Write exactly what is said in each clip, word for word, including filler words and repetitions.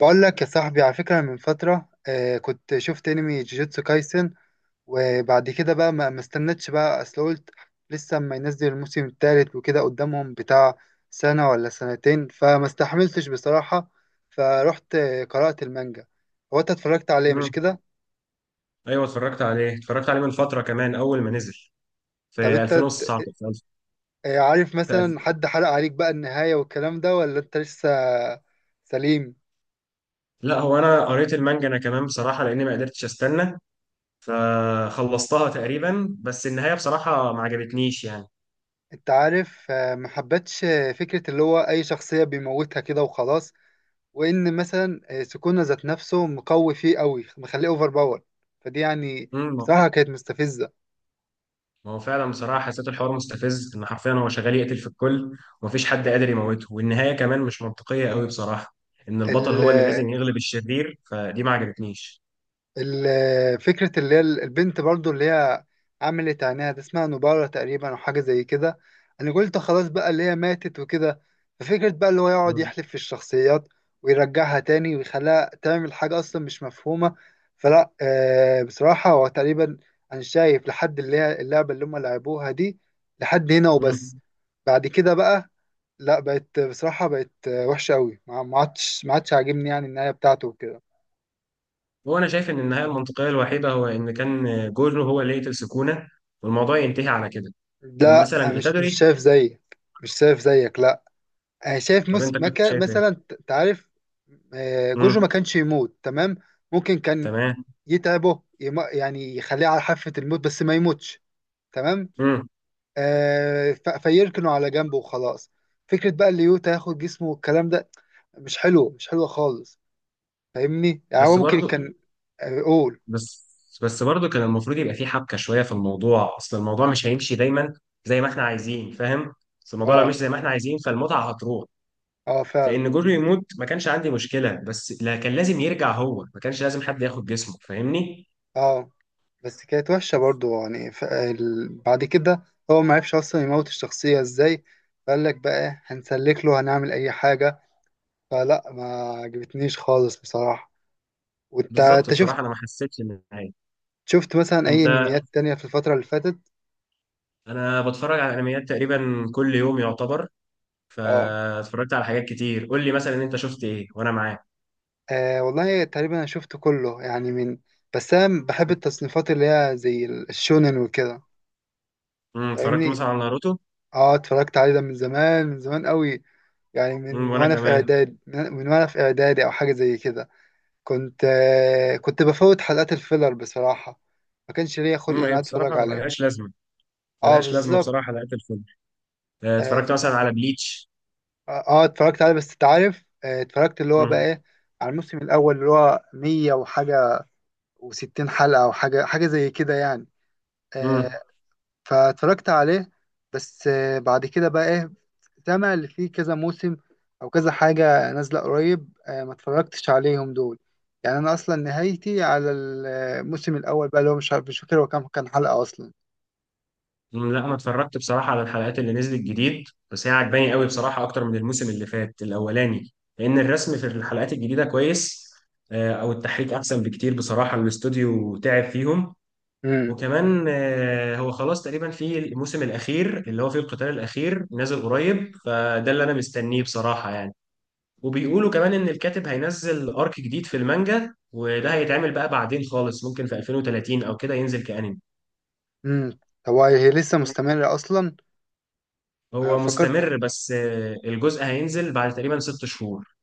بقول لك يا صاحبي، على فكرة، من فترة آه كنت شفت انمي جوجوتسو كايسن. وبعد كده بقى ما ما استنتش بقى، اصل قلت لسه ما ينزل الموسم الثالث وكده قدامهم بتاع سنة ولا سنتين، فما استحملتش بصراحة. فروحت آه، قرأت المانجا. هو انت اتفرجت عليه، مش مم. كده؟ ايوه اتفرجت عليه اتفرجت عليه من فتره، كمان اول ما نزل طب في انت ألفين وتسعة عشر. ت- في ألف- آه، عارف في مثلا ألف- حد حرق عليك بقى النهاية والكلام ده ولا انت لسه سليم؟ لا، هو انا قريت المانجا انا كمان بصراحه، لاني ما قدرتش استنى، فخلصتها تقريبا. بس النهايه بصراحه ما عجبتنيش يعني. انت عارف، آه، ما حبتش آه، فكرة اللي هو اي شخصية بيموتها كده وخلاص. وان مثلا آه، سكونه ذات نفسه مقوي فيه قوي، مخليه اوفر باور، فدي يعني امم بصراحه كانت مستفزه. ما هو فعلا بصراحه حسيت الحوار مستفز، ان حرفيا هو شغال يقتل في الكل ومفيش حد قادر يموته. والنهايه كمان مش منطقيه قوي بصراحه، ان البطل ال- هو اللي لازم يغلب الشرير. فدي ما عجبتنيش. ال- فكرة اللي هي البنت برضو، اللي هي عملت عينيها دي، اسمها نبارة تقريبا أو حاجة زي كده. أنا قلت خلاص بقى اللي هي ماتت وكده. ففكرة بقى اللي هو يقعد مم. يحلف في الشخصيات ويرجعها تاني ويخليها تعمل حاجة أصلا مش مفهومة. فلا آه بصراحة هو تقريبا أنا شايف لحد اللي هي اللعبة اللي هم لعبوها دي لحد هنا وبس. مم. بعد كده بقى لا، بقت بصراحة بقت آه، وحشة أوي. ما ما عادش ما عادش عاجبني يعني النهاية بتاعته وكده. هو انا شايف ان النهايه المنطقيه الوحيده هو ان كان جورو هو اللي يقتل سكونه والموضوع ينتهي على كده. لا، ومثلا مش مش ايتادوري. شايف زيك، مش شايف زيك، لا. انا شايف طب مس... انت كنت مكا... شايف مثلا ايه؟ ت- تعرف، آه، جوجو ما امم. كانش يموت، تمام؟ ممكن كان تمام. يتعبه، يم... يعني يخليه على حافة الموت بس ما يموتش، تمام. امم. آه ف... فيركنه على جنبه وخلاص. فكرة بقى اللي يوتا ياخد جسمه والكلام ده مش حلو، مش حلو خالص. فاهمني؟ يعني هو بس ممكن برضو. كان. آه، قول. بس بس برضو كان المفروض يبقى في حبكه شويه في الموضوع، اصل الموضوع مش هيمشي دايما زي ما احنا عايزين، فاهم؟ بس الموضوع لو اه، مش زي ما احنا عايزين، فالمتعه هتروح. اه فعلا. فان جورو يموت ما كانش عندي مشكله، بس لا، كان لازم يرجع، هو ما كانش لازم حد ياخد جسمه، فاهمني؟ اه، بس كانت وحشة برضو يعني. ف- ال- بعد كده هو ما عرفش أصلا يموت الشخصية ازاي، فقال لك بقى إيه، هنسلك له، هنعمل أي حاجة. فلا ما عجبتنيش خالص بصراحة. وانت بالظبط انت شفت؟ بصراحه، انا ما حسيتش ان النهايه. شفت مثلا أي انت أنميات تانية في الفترة اللي فاتت؟ انا بتفرج على انميات تقريبا كل يوم يعتبر. اه، فاتفرجت على حاجات كتير. قول لي مثلا انت شفت ايه وانا معاك. آه، والله تقريبا أنا شفت كله يعني، من بس أنا بحب التصنيفات اللي هي زي ال- الشونن وكده. امم اتفرجت فاهمني؟ مثلا على ناروتو. اه، اتفرجت عليه ده من زمان، من زمان قوي. يعني امم من وانا وأنا في كمان. إعداد، من وأنا في إعدادي أو حاجة زي كده. كنت آه، كنت بفوت حلقات الفيلر بصراحة، ما كانش ليا خلق ان امم انا هي اتفرج بصراحه عليه. ملهاش لازمه. اه ملهاش لازمه بالظبط. بصراحه حلقات الفيلم. آه، اه ف- اتفرجت مثلا على بليتش. آه، آه، اتفرجت عليه بس انت عارف، آه، اتفرجت اللي هو بقى امم. ايه، على الموسم الاول اللي هو مية وحاجة وستين حلقة او حاجة، حاجة زي كده يعني. آه، امم. فاتفرجت عليه. بس آه، بعد كده بقى ايه، سامع اللي فيه كذا موسم او كذا حاجة نازلة قريب، آه، ما اتفرجتش عليهم دول. يعني انا اصلا نهايتي على الموسم الاول بقى، اللي هو مش عارف، مش فاكر هو كام كان حلقة اصلا. أمم، لا، انا اتفرجت بصراحه على الحلقات اللي نزلت جديد. بس هي عجباني قوي بصراحه، اكتر من الموسم اللي فات الاولاني. لان الرسم في الحلقات الجديده كويس. آه، او التحريك احسن بكتير بصراحه، الاستوديو تعب فيهم. امم وكمان آه، هو خلاص تقريبا في الموسم الاخير اللي هو فيه القتال الاخير نازل قريب، فده اللي انا مستنيه بصراحه يعني. وبيقولوا كمان ان الكاتب هينزل ارك جديد في المانجا، وده هيتعمل بقى بعدين خالص، ممكن في ألفين وثلاثين او كده ينزل كأنمي. امم طب هي لسه مستمرة اصلا؟ أنا هو فكرت، مستمر، بس آه، الجزء هينزل بعد تقريبا ست شهور.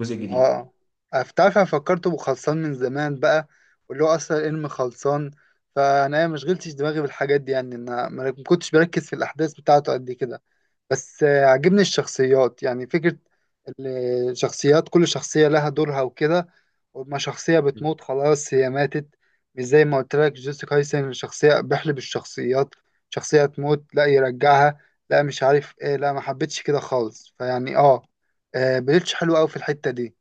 جزء جديد. اه، أنا ف- تعرف انا فكرته بخلصان من زمان بقى، واللي هو اصلا الانمي خلصان. فانا ما شغلتش دماغي بالحاجات دي يعني. انا ما ما كنتش بركز في الاحداث بتاعته قد كده. بس آه، عجبني الشخصيات، يعني فكرة الشخصيات، كل شخصية لها دورها وكده، وما شخصية بتموت خلاص هي ماتت. مش زي ما قلت لك جيسيكا هايسن شخصية بيحلب الشخصيات، شخصية تموت لا يرجعها، لا مش عارف ايه، لا ما حبيتش كده خالص. فيعني اه، آه، بليتش حلو قوي في الحتة دي.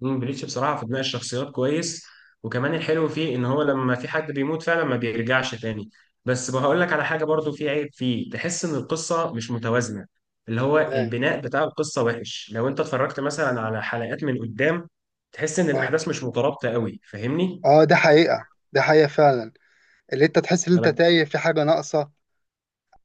مم، بليتش بصراحة في بناء الشخصيات كويس. وكمان الحلو فيه ان هو لما في حد بيموت فعلا ما بيرجعش تاني. بس بقول لك على حاجة، برضو في عيب فيه، تحس ان القصة مش متوازنة. اللي هو اه، البناء بتاع القصة وحش. لو انت اتفرجت مثلا على حلقات من قدام، تحس ان اه، الاحداث مش مترابطة قوي، فاهمني. آه، ده حقيقة، ده حقيقة فعلا. اللي انت تحس ان انت انا تايه، في حاجة ناقصة.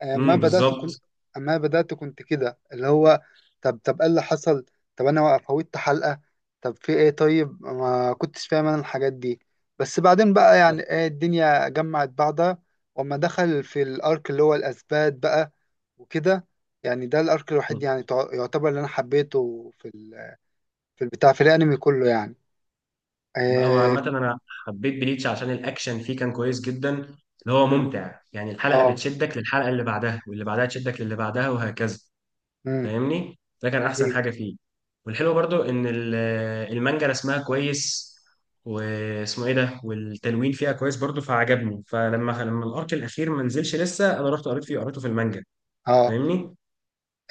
أما امم بدأت كنت، بالظبط. أما بدأت كنت كده اللي هو، طب طب إيه اللي حصل، طب أنا فوتت حلقة، طب في إيه، طيب ما كنتش فاهم أنا الحاجات دي. بس بعدين بقى لا. يعني إيه، الدنيا جمعت بعضها. وأما دخل في الأرك اللي هو الأثبات بقى وكده، يعني ده الأرك الوحيد مم. يعني تع- يعتبر اللي أنا حبيته في ال... في البتاع، في الأنمي كله يعني. لا، هو آه. عامة انا حبيت بليتش عشان الاكشن فيه كان كويس جدا، اللي هو مم، ممتع يعني. الحلقة آه بتشدك للحلقة اللي بعدها، واللي بعدها تشدك للي بعدها، وهكذا. مم، فاهمني، ده كان احسن أيوه. حاجه فيه. والحلو برضو ان ال- المانجا رسمها كويس، واسمه ايه ده، والتلوين فيها كويس برضو، فعجبني. فلما لما الارك الاخير ما نزلش لسه، انا رحت قريت فيه، قريته في المانجا، آه فاهمني.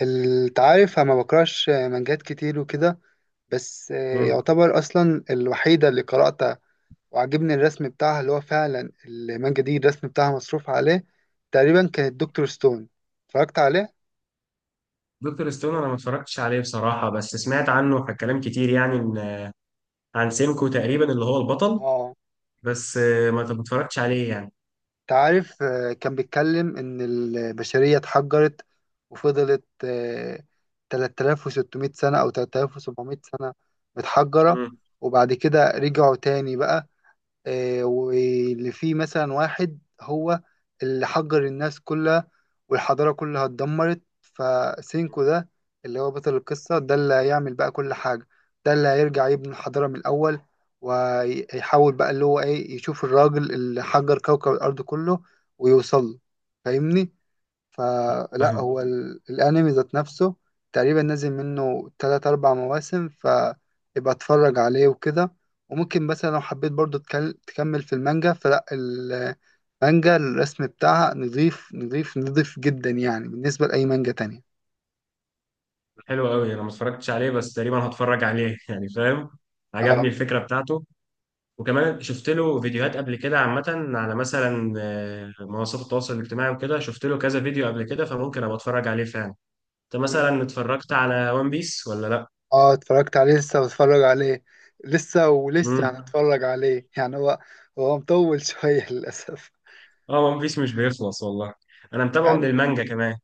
التعارف، أنا ما بكرهش مانجات كتير وكده، بس آه، مم. يعتبر أصلا الوحيدة اللي قرأتها. وعجبني الرسم بتاعها، اللي هو فعلا المانجا دي الرسم بتاعها مصروف عليه. تقريبا كانت دكتور ستون. اتفرجت عليه؟ دكتور ستون انا ما اتفرجتش عليه بصراحه، بس سمعت عنه ح- كلام كتير يعني، إن- عن سينكو تقريبا اللي هو البطل. اه. بس آه، ما ما اتفرجتش عليه يعني. انت عارف، آه، كان بيتكلم إن البشرية اتحجرت، وفضلت آه، ثلاثة آلاف وستمائة سنة أو ثلاثة آلاف وسبعمائة سنة متحجرة. مم. وبعد كده رجعوا تاني بقى. آه، واللي فيه مثلا واحد هو اللي حجر الناس كلها، والحضارة كلها اتدمرت. فسينكو ده اللي هو بطل القصة، ده اللي هيعمل بقى كل حاجة، ده اللي هيرجع يبني الحضارة من الأول، ويحاول بقى اللي هو إيه، يشوف الراجل اللي حجر كوكب الأرض كله ويوصل له. فاهمني؟ فلا فاهم. هو ال- الانمي ذات نفسه تقريبا نازل منه تلات اربع مواسم، فيبقى اتفرج عليه وكده. وممكن مثلا لو حبيت برضو تكل- تكمل في المانجا، فلا المانجا الرسم بتاعها نظيف، نظيف، نظيف جدا يعني بالنسبة لأي مانجا تانية. حلو قوي، انا ما اتفرجتش عليه، بس تقريبا هتفرج عليه يعني، فاهم. اه. عجبني الفكره بتاعته. وكمان شفت له فيديوهات قبل كده عامة، على مثلا آه، منصات التواصل الاجتماعي وكده، شفت له كذا فيديو قبل كده، فممكن ابقى اتفرج عليه فعلا. انت مم. مثلا اتفرجت على ون بيس ولا لا؟ اه اتفرجت عليه، لسه بتفرج عليه، لسه ولسه مم. هنتفرج عليه يعني. هو هو مطول شوية للأسف. اه، ون بيس مش بيخلص والله. انا متابعه من يعني، المانجا كمان.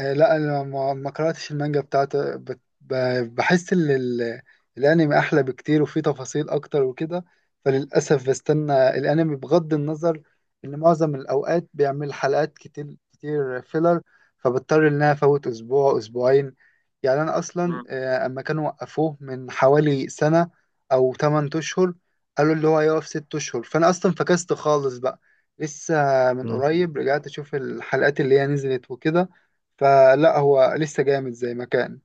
آه، لا انا ما ما قراتش المانجا بتاعته. بت- ب- بحس ان ال- الانمي احلى بكتير وفيه تفاصيل اكتر وكده. فللاسف بستنى الانمي، بغض النظر ان معظم الاوقات بيعمل حلقات كتير، كتير فيلر، فبضطر ان انا افوت اسبوع، اسبوعين. يعني انا اصلا مم. آه، اما كانوا وقفوه من حوالي سنة او تمن اشهر، قالوا اللي هو هيقف ستة اشهر، فانا اصلا فكست خالص بقى. لسه من مم. قريب رجعت اشوف الحلقات اللي هي نزلت وكده. فلا هو لسه جامد زي ما كان.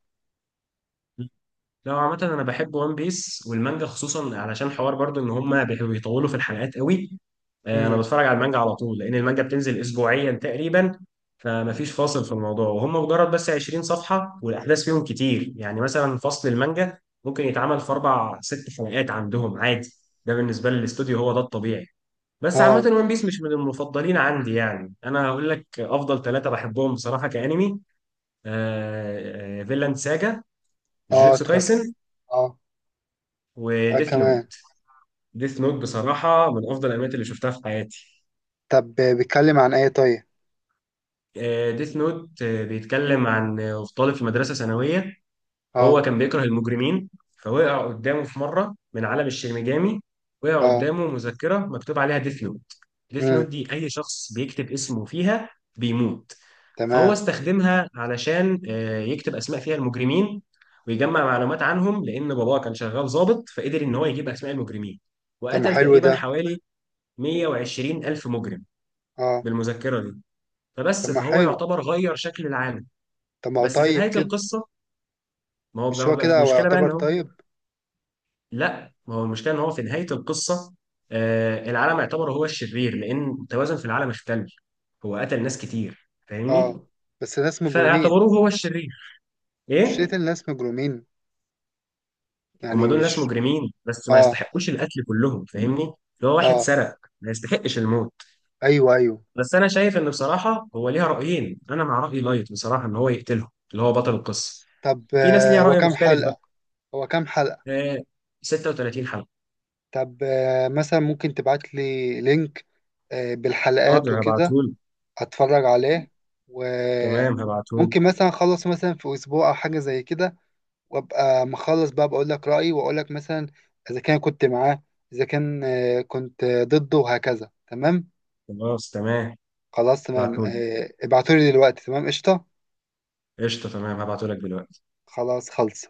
لا عامة، أنا بحب ون بيس والمانجا خصوصا، علشان حوار برضو إن هما بي- بيطولوا في الحلقات قوي. آه، أنا امم. بتفرج على المانجا على طول، لأن المانجا بتنزل أسبوعيا تقريبا. فمفيش فاصل في الموضوع، وهم مجرد بس عشرين صفحة والأحداث فيهم كتير. يعني مثلا فصل المانجا ممكن يتعمل في أربع ست حلقات عندهم عادي. ده بالنسبة للاستوديو هو ده الطبيعي. بس عامة اه، ون بيس مش من المفضلين عندي. يعني أنا هقول لك أفضل ثلاثة بحبهم بصراحة كأنمي. آه، آه، فيلاند ساجا، اه جوجوتسو اتفرجت. كايسن، اه، آه وديث نوت. كمان. ديث نوت بصراحة من أفضل الأنميات اللي شفتها في حياتي. طب بيتكلم عن ايه طيب؟ آه، ديث نوت آه، بيتكلم عن آه، طالب في مدرسة ثانوية. اه، هو كان بيكره المجرمين. فوقع قدامه في مرة من عالم الشينيجامي، وقع اه. قدامه مذكرة مكتوب عليها ديث نوت. ديث نوت امم. دي، أي شخص بيكتب اسمه فيها بيموت. فهو تمام. استخدمها علشان آه، يكتب أسماء فيها المجرمين، ويجمع معلومات عنهم، لأن باباه كان شغال ضابط، فقدر إن هو يجيب أسماء المجرمين. طب ما وقتل حلو تقريبا ده! حوالي مية وعشرين ألف مجرم اه. بالمذكرة دي. طب فبس، ما فهو حلو. يعتبر غير شكل العالم. طب ما هو بس في طيب نهاية كده! القصة، ما هو مش بقى هو بقى كده في هو مشكلة بقى إن يعتبر هو. طيب؟ لا، ما هو المشكلة إن هو في نهاية القصة، آه العالم يعتبر هو الشرير، لأن التوازن في العالم اختل. هو قتل ناس كتير، اه، فاهمني. بس ناس مجرمين. فاعتبروه هو الشرير. مش إيه. قتل ناس مجرمين؟ هم يعني دول ناس مش. مجرمين، بس ما اه، يستحقوش القتل كلهم، فاهمني. اللي هو واحد اه، سرق ما يستحقش الموت. ايوه، ايوه. بس انا شايف ان بصراحه هو ليها رايين، انا مع راي لايت بصراحه، ان هو يقتله اللي هو بطل القصه. طب في ناس آه ليها هو راي كام مختلف بقى. حلقة؟ هو كام حلقة؟ آه ست وثلاثين حلقه. طب، آه مثلا ممكن تبعت لي لينك آه بالحلقات حاضر، وكده. هبعتهولي. هتفرج عليه، تمام، هبعتهولي. وممكن مثلا اخلص مثلا في اسبوع او حاجه زي كده، وابقى مخلص بقى بقول لك رايي، واقول لك مثلا اذا كان كنت معاه، اذا كان آه، كنت آه، ضده، وهكذا. تمام. خلاص، تمام، خلاص تمام، هبعتهولي. آه، ابعتولي دلوقتي، تمام، قشطه. قشطه، تمام، هبعتهولك دلوقتي. خلاص خلص.